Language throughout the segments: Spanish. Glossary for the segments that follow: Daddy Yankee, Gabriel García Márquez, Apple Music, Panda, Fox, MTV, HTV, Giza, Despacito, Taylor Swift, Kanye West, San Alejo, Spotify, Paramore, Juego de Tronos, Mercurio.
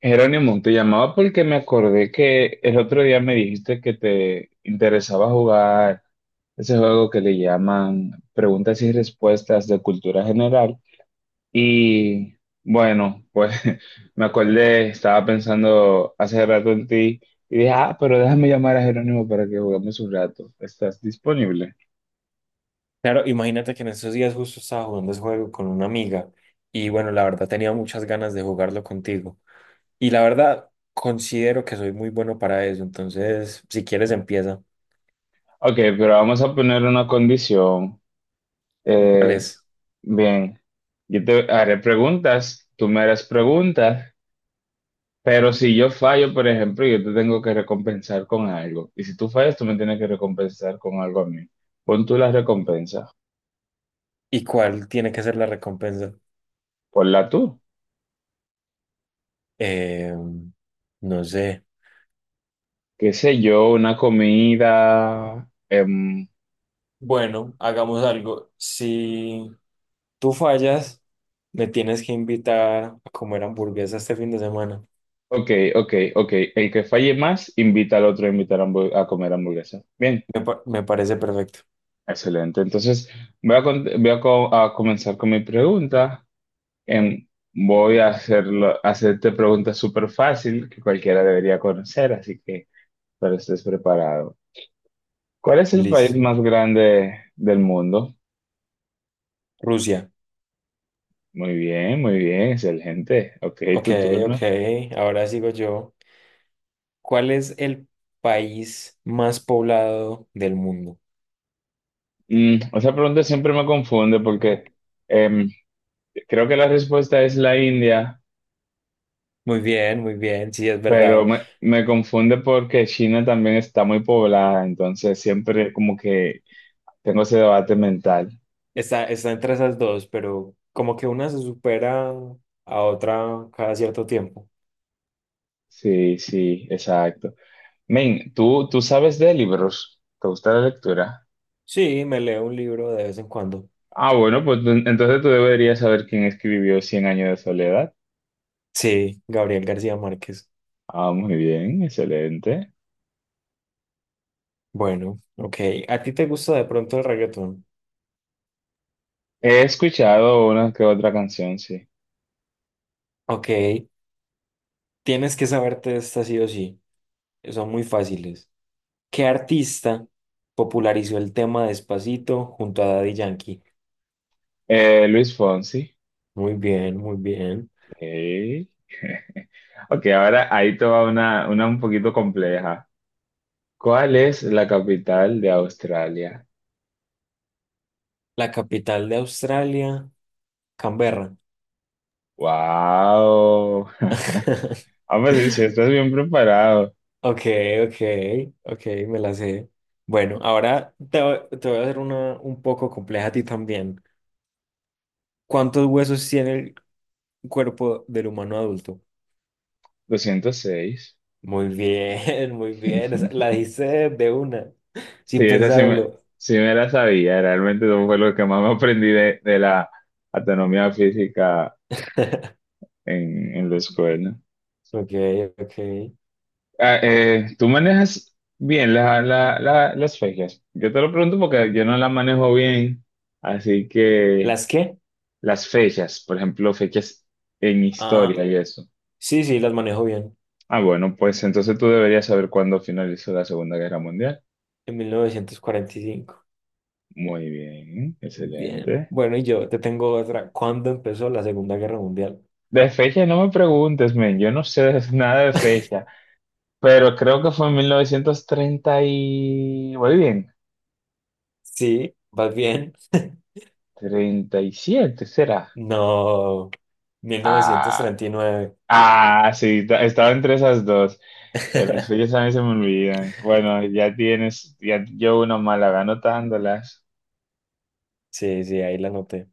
Jerónimo, te llamaba porque me acordé que el otro día me dijiste que te interesaba jugar ese juego que le llaman preguntas y respuestas de cultura general. Y bueno, pues me acordé, estaba pensando hace rato en ti y dije, ah, pero déjame llamar a Jerónimo para que juguemos un rato. ¿Estás disponible? Claro, imagínate que en esos días justo estaba jugando ese juego con una amiga y bueno, la verdad tenía muchas ganas de jugarlo contigo. Y la verdad considero que soy muy bueno para eso, entonces si quieres empieza. Ok, pero vamos a poner una condición. ¿Cuál Eh, es? Bien, yo te haré preguntas, tú me harás preguntas. Pero si yo fallo, por ejemplo, yo te tengo que recompensar con algo. Y si tú fallas, tú me tienes que recompensar con algo a mí. Pon tú la recompensa. ¿Y cuál tiene que ser la recompensa? Ponla tú. Eh, no sé. Qué sé yo, una comida. Bueno, hagamos algo. Si tú fallas, me tienes que invitar a comer hamburguesa este fin de semana. Ok, ok, ok. El que falle más, invita al otro a invitar a comer hamburguesa. Bien, Me parece perfecto. excelente. Entonces, voy a comenzar con mi pregunta. Em, voy a hacerte preguntas súper fácil que cualquiera debería conocer, así que, pero estés preparado. ¿Cuál es el país Listo. más grande del mundo? Rusia. Muy bien, excelente. Ok, Ok, tu turno. ok. Ahora sigo yo. ¿Cuál es el país más poblado del mundo? Esa pregunta siempre me confunde porque em, creo que la respuesta es la India, Muy bien, sí, es pero verdad. me confunde porque China también está muy poblada, entonces siempre como que tengo ese debate mental. Está entre esas dos, pero como que una se supera a otra cada cierto tiempo. Sí, sí, exacto. Men, ¿tú sabes de libros? ¿Te gusta la lectura? Sí, me leo un libro de vez en cuando. Ah, bueno, pues entonces tú deberías saber quién escribió Cien años de soledad. Sí, Gabriel García Márquez. Ah, muy bien, excelente. Bueno, ok. ¿A ti te gusta de pronto el reggaetón? He escuchado una que otra canción, sí. Ok, tienes que saberte esta sí o sí. Son muy fáciles. ¿Qué artista popularizó el tema Despacito junto a Daddy Yankee? Luis Fonsi. Muy bien, muy bien. Ey. Ok, ahora ahí te va una un poquito compleja. ¿Cuál es la capital de Australia? La capital de Australia, Canberra. ¡Wow! Vamos a ver si estás bien preparado. Ok, ok, ok, me la sé. Bueno, ahora te voy a hacer una un poco compleja a ti también. ¿Cuántos huesos tiene el cuerpo del humano adulto? 206. Muy bien, muy bien. La dijiste de una, sin Sí, esa pensarlo. sí me la sabía. Realmente eso fue lo que más me aprendí de la autonomía física en la escuela. Ok, ok. Ah, tú manejas bien las fechas. Yo te lo pregunto porque yo no las manejo bien. Así que ¿Las qué? las fechas, por ejemplo, fechas en Ah, historia y eso. sí, sí, las manejo bien. Ah, bueno, pues entonces tú deberías saber cuándo finalizó la Segunda Guerra Mundial. En 1945. Muy bien, Muy bien. excelente. Bueno, y yo te tengo otra. ¿Cuándo empezó la Segunda Guerra Mundial? De fecha no me preguntes, men, yo no sé nada de fecha, pero creo que fue en 1930 y. Muy bien, Sí, vas bien. 37 será. No, mil novecientos Ah, treinta y nueve ah, sí, estaba entre esas dos. Las fechas a mí se me olvidan. Bueno, ya tienes, ya yo una mala anotándolas. Sí, sí, ahí la noté.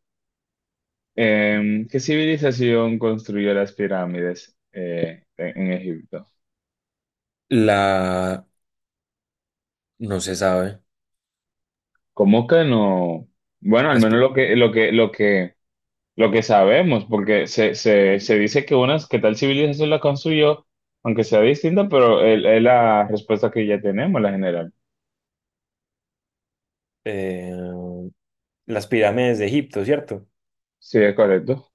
¿Qué civilización construyó las pirámides en Egipto? La... No se sabe. ¿Cómo que no? Bueno, al Las, menos pi- lo que sabemos, porque se dice que unas, que tal civilización la construyó, aunque sea distinta, pero es la respuesta que ya tenemos, la general. eh, las pirámides de Egipto, ¿cierto? Sí, es correcto.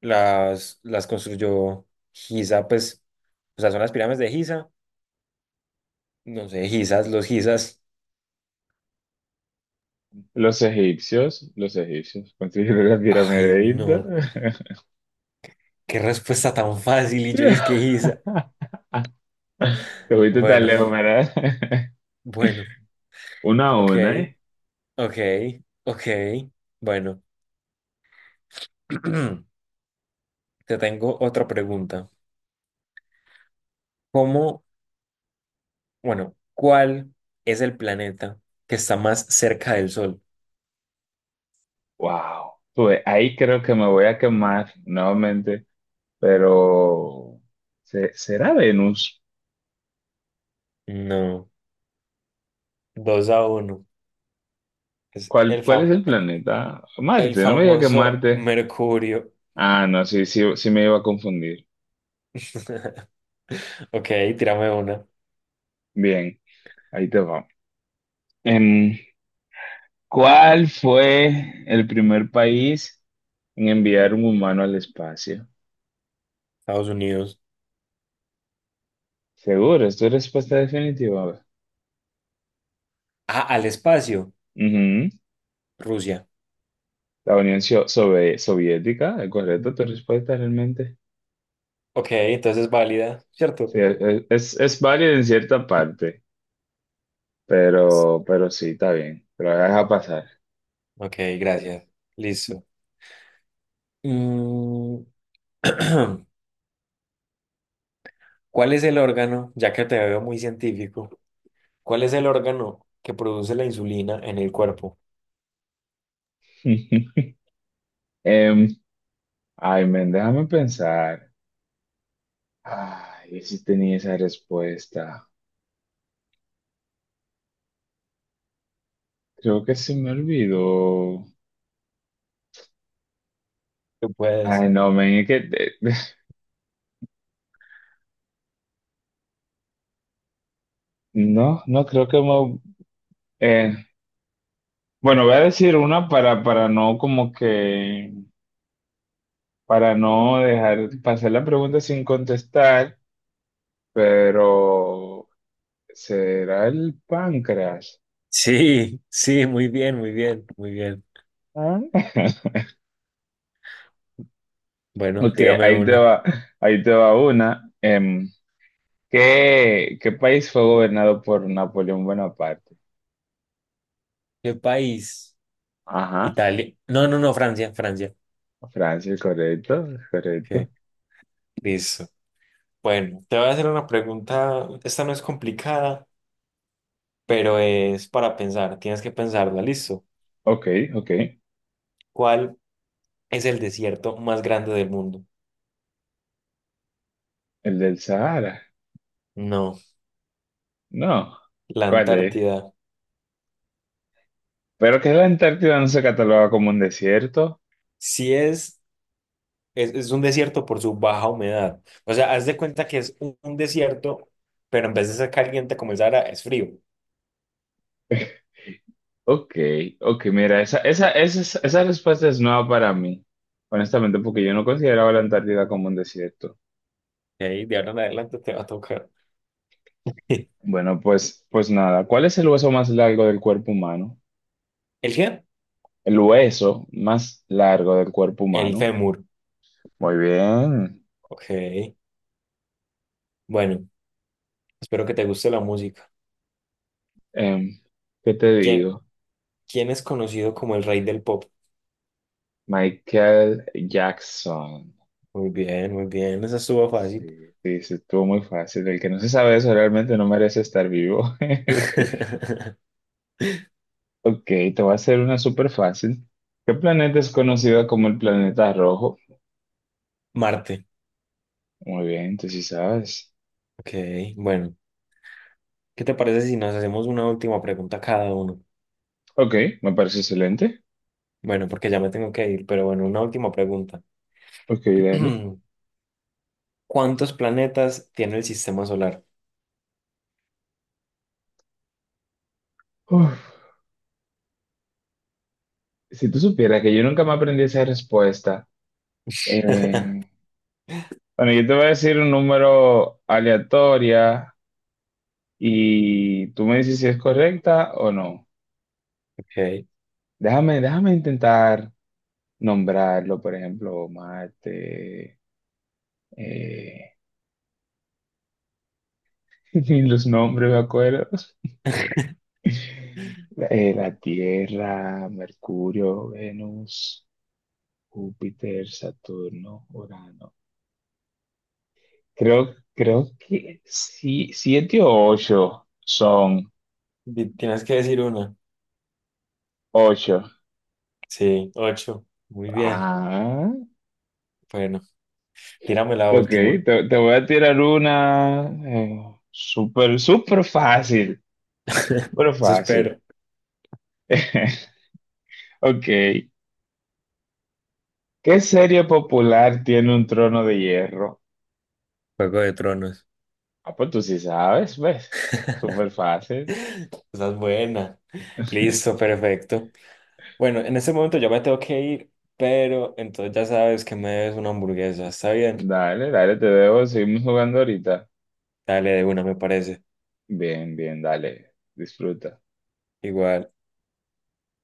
Las construyó Giza, pues, o sea, son las pirámides de Giza. No sé, Gizas, los Gizas. Los egipcios construyeron la pirámide Ay, de Egipto. no, qué respuesta tan fácil y yo dije que Giza. Te fuiste tan Bueno, lejos, ¿verdad? bueno. Una a Ok, una, ¿eh? ok, ok. Bueno, te tengo otra pregunta. ¿Cómo, bueno, ¿cuál es el planeta que está más cerca del Sol? Wow. Pues ahí creo que me voy a quemar nuevamente, pero ¿será Venus? No, 2-1. Es ¿Cuál, el cuál es fam- el planeta? el Marte, no me diga que famoso Marte. Mercurio. Ah, no, sí, sí, sí me iba a confundir. Ok, tírame una. Bien, ahí te va. Em, ¿Cuál fue el primer país en enviar un humano al espacio? Estados Unidos. Seguro, es tu respuesta definitiva. Ah, al espacio. Ujú. Rusia. La Unión Sio- Sobe- Soviética, ¿es correcto tu respuesta realmente? Ok, entonces es válida, Sí, ¿cierto? es válida en cierta parte, pero sí, está bien. Te lo voy a dejar pasar. Ok, gracias. Listo. Mm, ¿Cuál es el órgano, ya que te veo muy científico, cuál es el órgano que produce la insulina en el cuerpo? Em, Ay, men, déjame pensar. Ay, si tenía esa respuesta. Creo que se me olvidó. Tú puedes. Ay, no, men, es que no, no creo que me. eh, bueno, voy a decir una para no como que para, no dejar pasar la pregunta sin contestar, pero ¿será el páncreas? Sí, sí, muy bien, muy bien, muy bien. Ah. Bueno, Ok, tírame ahí te una. va, ahí te va una. ¿Qué país fue gobernado por Napoleón Bonaparte? ¿Qué país? Ajá, Italia. No, no, no, Francia, Francia. Francia, correcto, correcto. Ok. Listo. Bueno, te voy a hacer una pregunta. Esta no es complicada, pero es para pensar. Tienes que pensarla. Listo. Ok, ok. ¿Cuál es el desierto más grande del mundo? El del Sahara. No, No, la ¿cuál es? Antártida. Pero que la Antártida no se cataloga como un desierto. Si es es un desierto por su baja humedad. O sea, haz de cuenta que es un desierto, pero en vez de ser caliente como es ahora, es frío. Ok, ok, mira, esa respuesta es nueva para mí, honestamente, porque yo no consideraba la Antártida como un desierto. Y ahí de ahora en adelante te va a tocar. ¿El Bueno, pues, pues nada, ¿cuál es el hueso más largo del cuerpo humano? qué? El hueso más largo del cuerpo El humano. fémur. Muy bien. Ok. Bueno, espero que te guste la música. Em, ¿Qué te ¿Quién, digo? quién es conocido como el rey del pop? Michael Jackson. Muy bien, muy bien. Esa estuvo Sí, fácil. sí, sí, estuvo muy fácil. El que no se sabe eso realmente no merece estar vivo. Ok, te voy a hacer una súper fácil. ¿Qué planeta es conocido como el planeta rojo? Marte. Muy bien, tú sí sabes. Ok, bueno. ¿Qué te parece si nos hacemos una última pregunta cada uno? Ok, me parece excelente. Bueno, porque ya me tengo que ir, pero bueno, una última pregunta. Ok, dale. ¿Cuántos planetas tiene el sistema solar? Uf, si tú supieras que yo nunca me aprendí esa respuesta. eh, bueno, yo te voy a decir un número aleatoria y tú me dices si es correcta o no. Ok. Déjame, déjame intentar nombrarlo, por ejemplo, Marte. eh, Ni los nombres me acuerdo. La- La Tierra, Mercurio, Venus, Júpiter, Saturno, Urano. Creo, creo que sí, siete o ocho son Tienes que decir una. ocho. Sí, ocho. Muy bien. Ah, Bueno, tírame la ok, última. te voy a tirar una súper, súper fácil, súper Eso fácil. espero. Ok, ¿qué serie popular tiene un trono de hierro? Juego de Tronos. Ah, pues tú sí sabes, ¿ves? Súper fácil. Esa es buena. Listo, perfecto. Bueno, en este momento yo me tengo que ir, pero entonces ya sabes que me debes una hamburguesa. Está bien. Dale, dale, te veo. Seguimos jugando ahorita. Dale de una, me parece. Bien, bien, dale. Disfruta. Igual.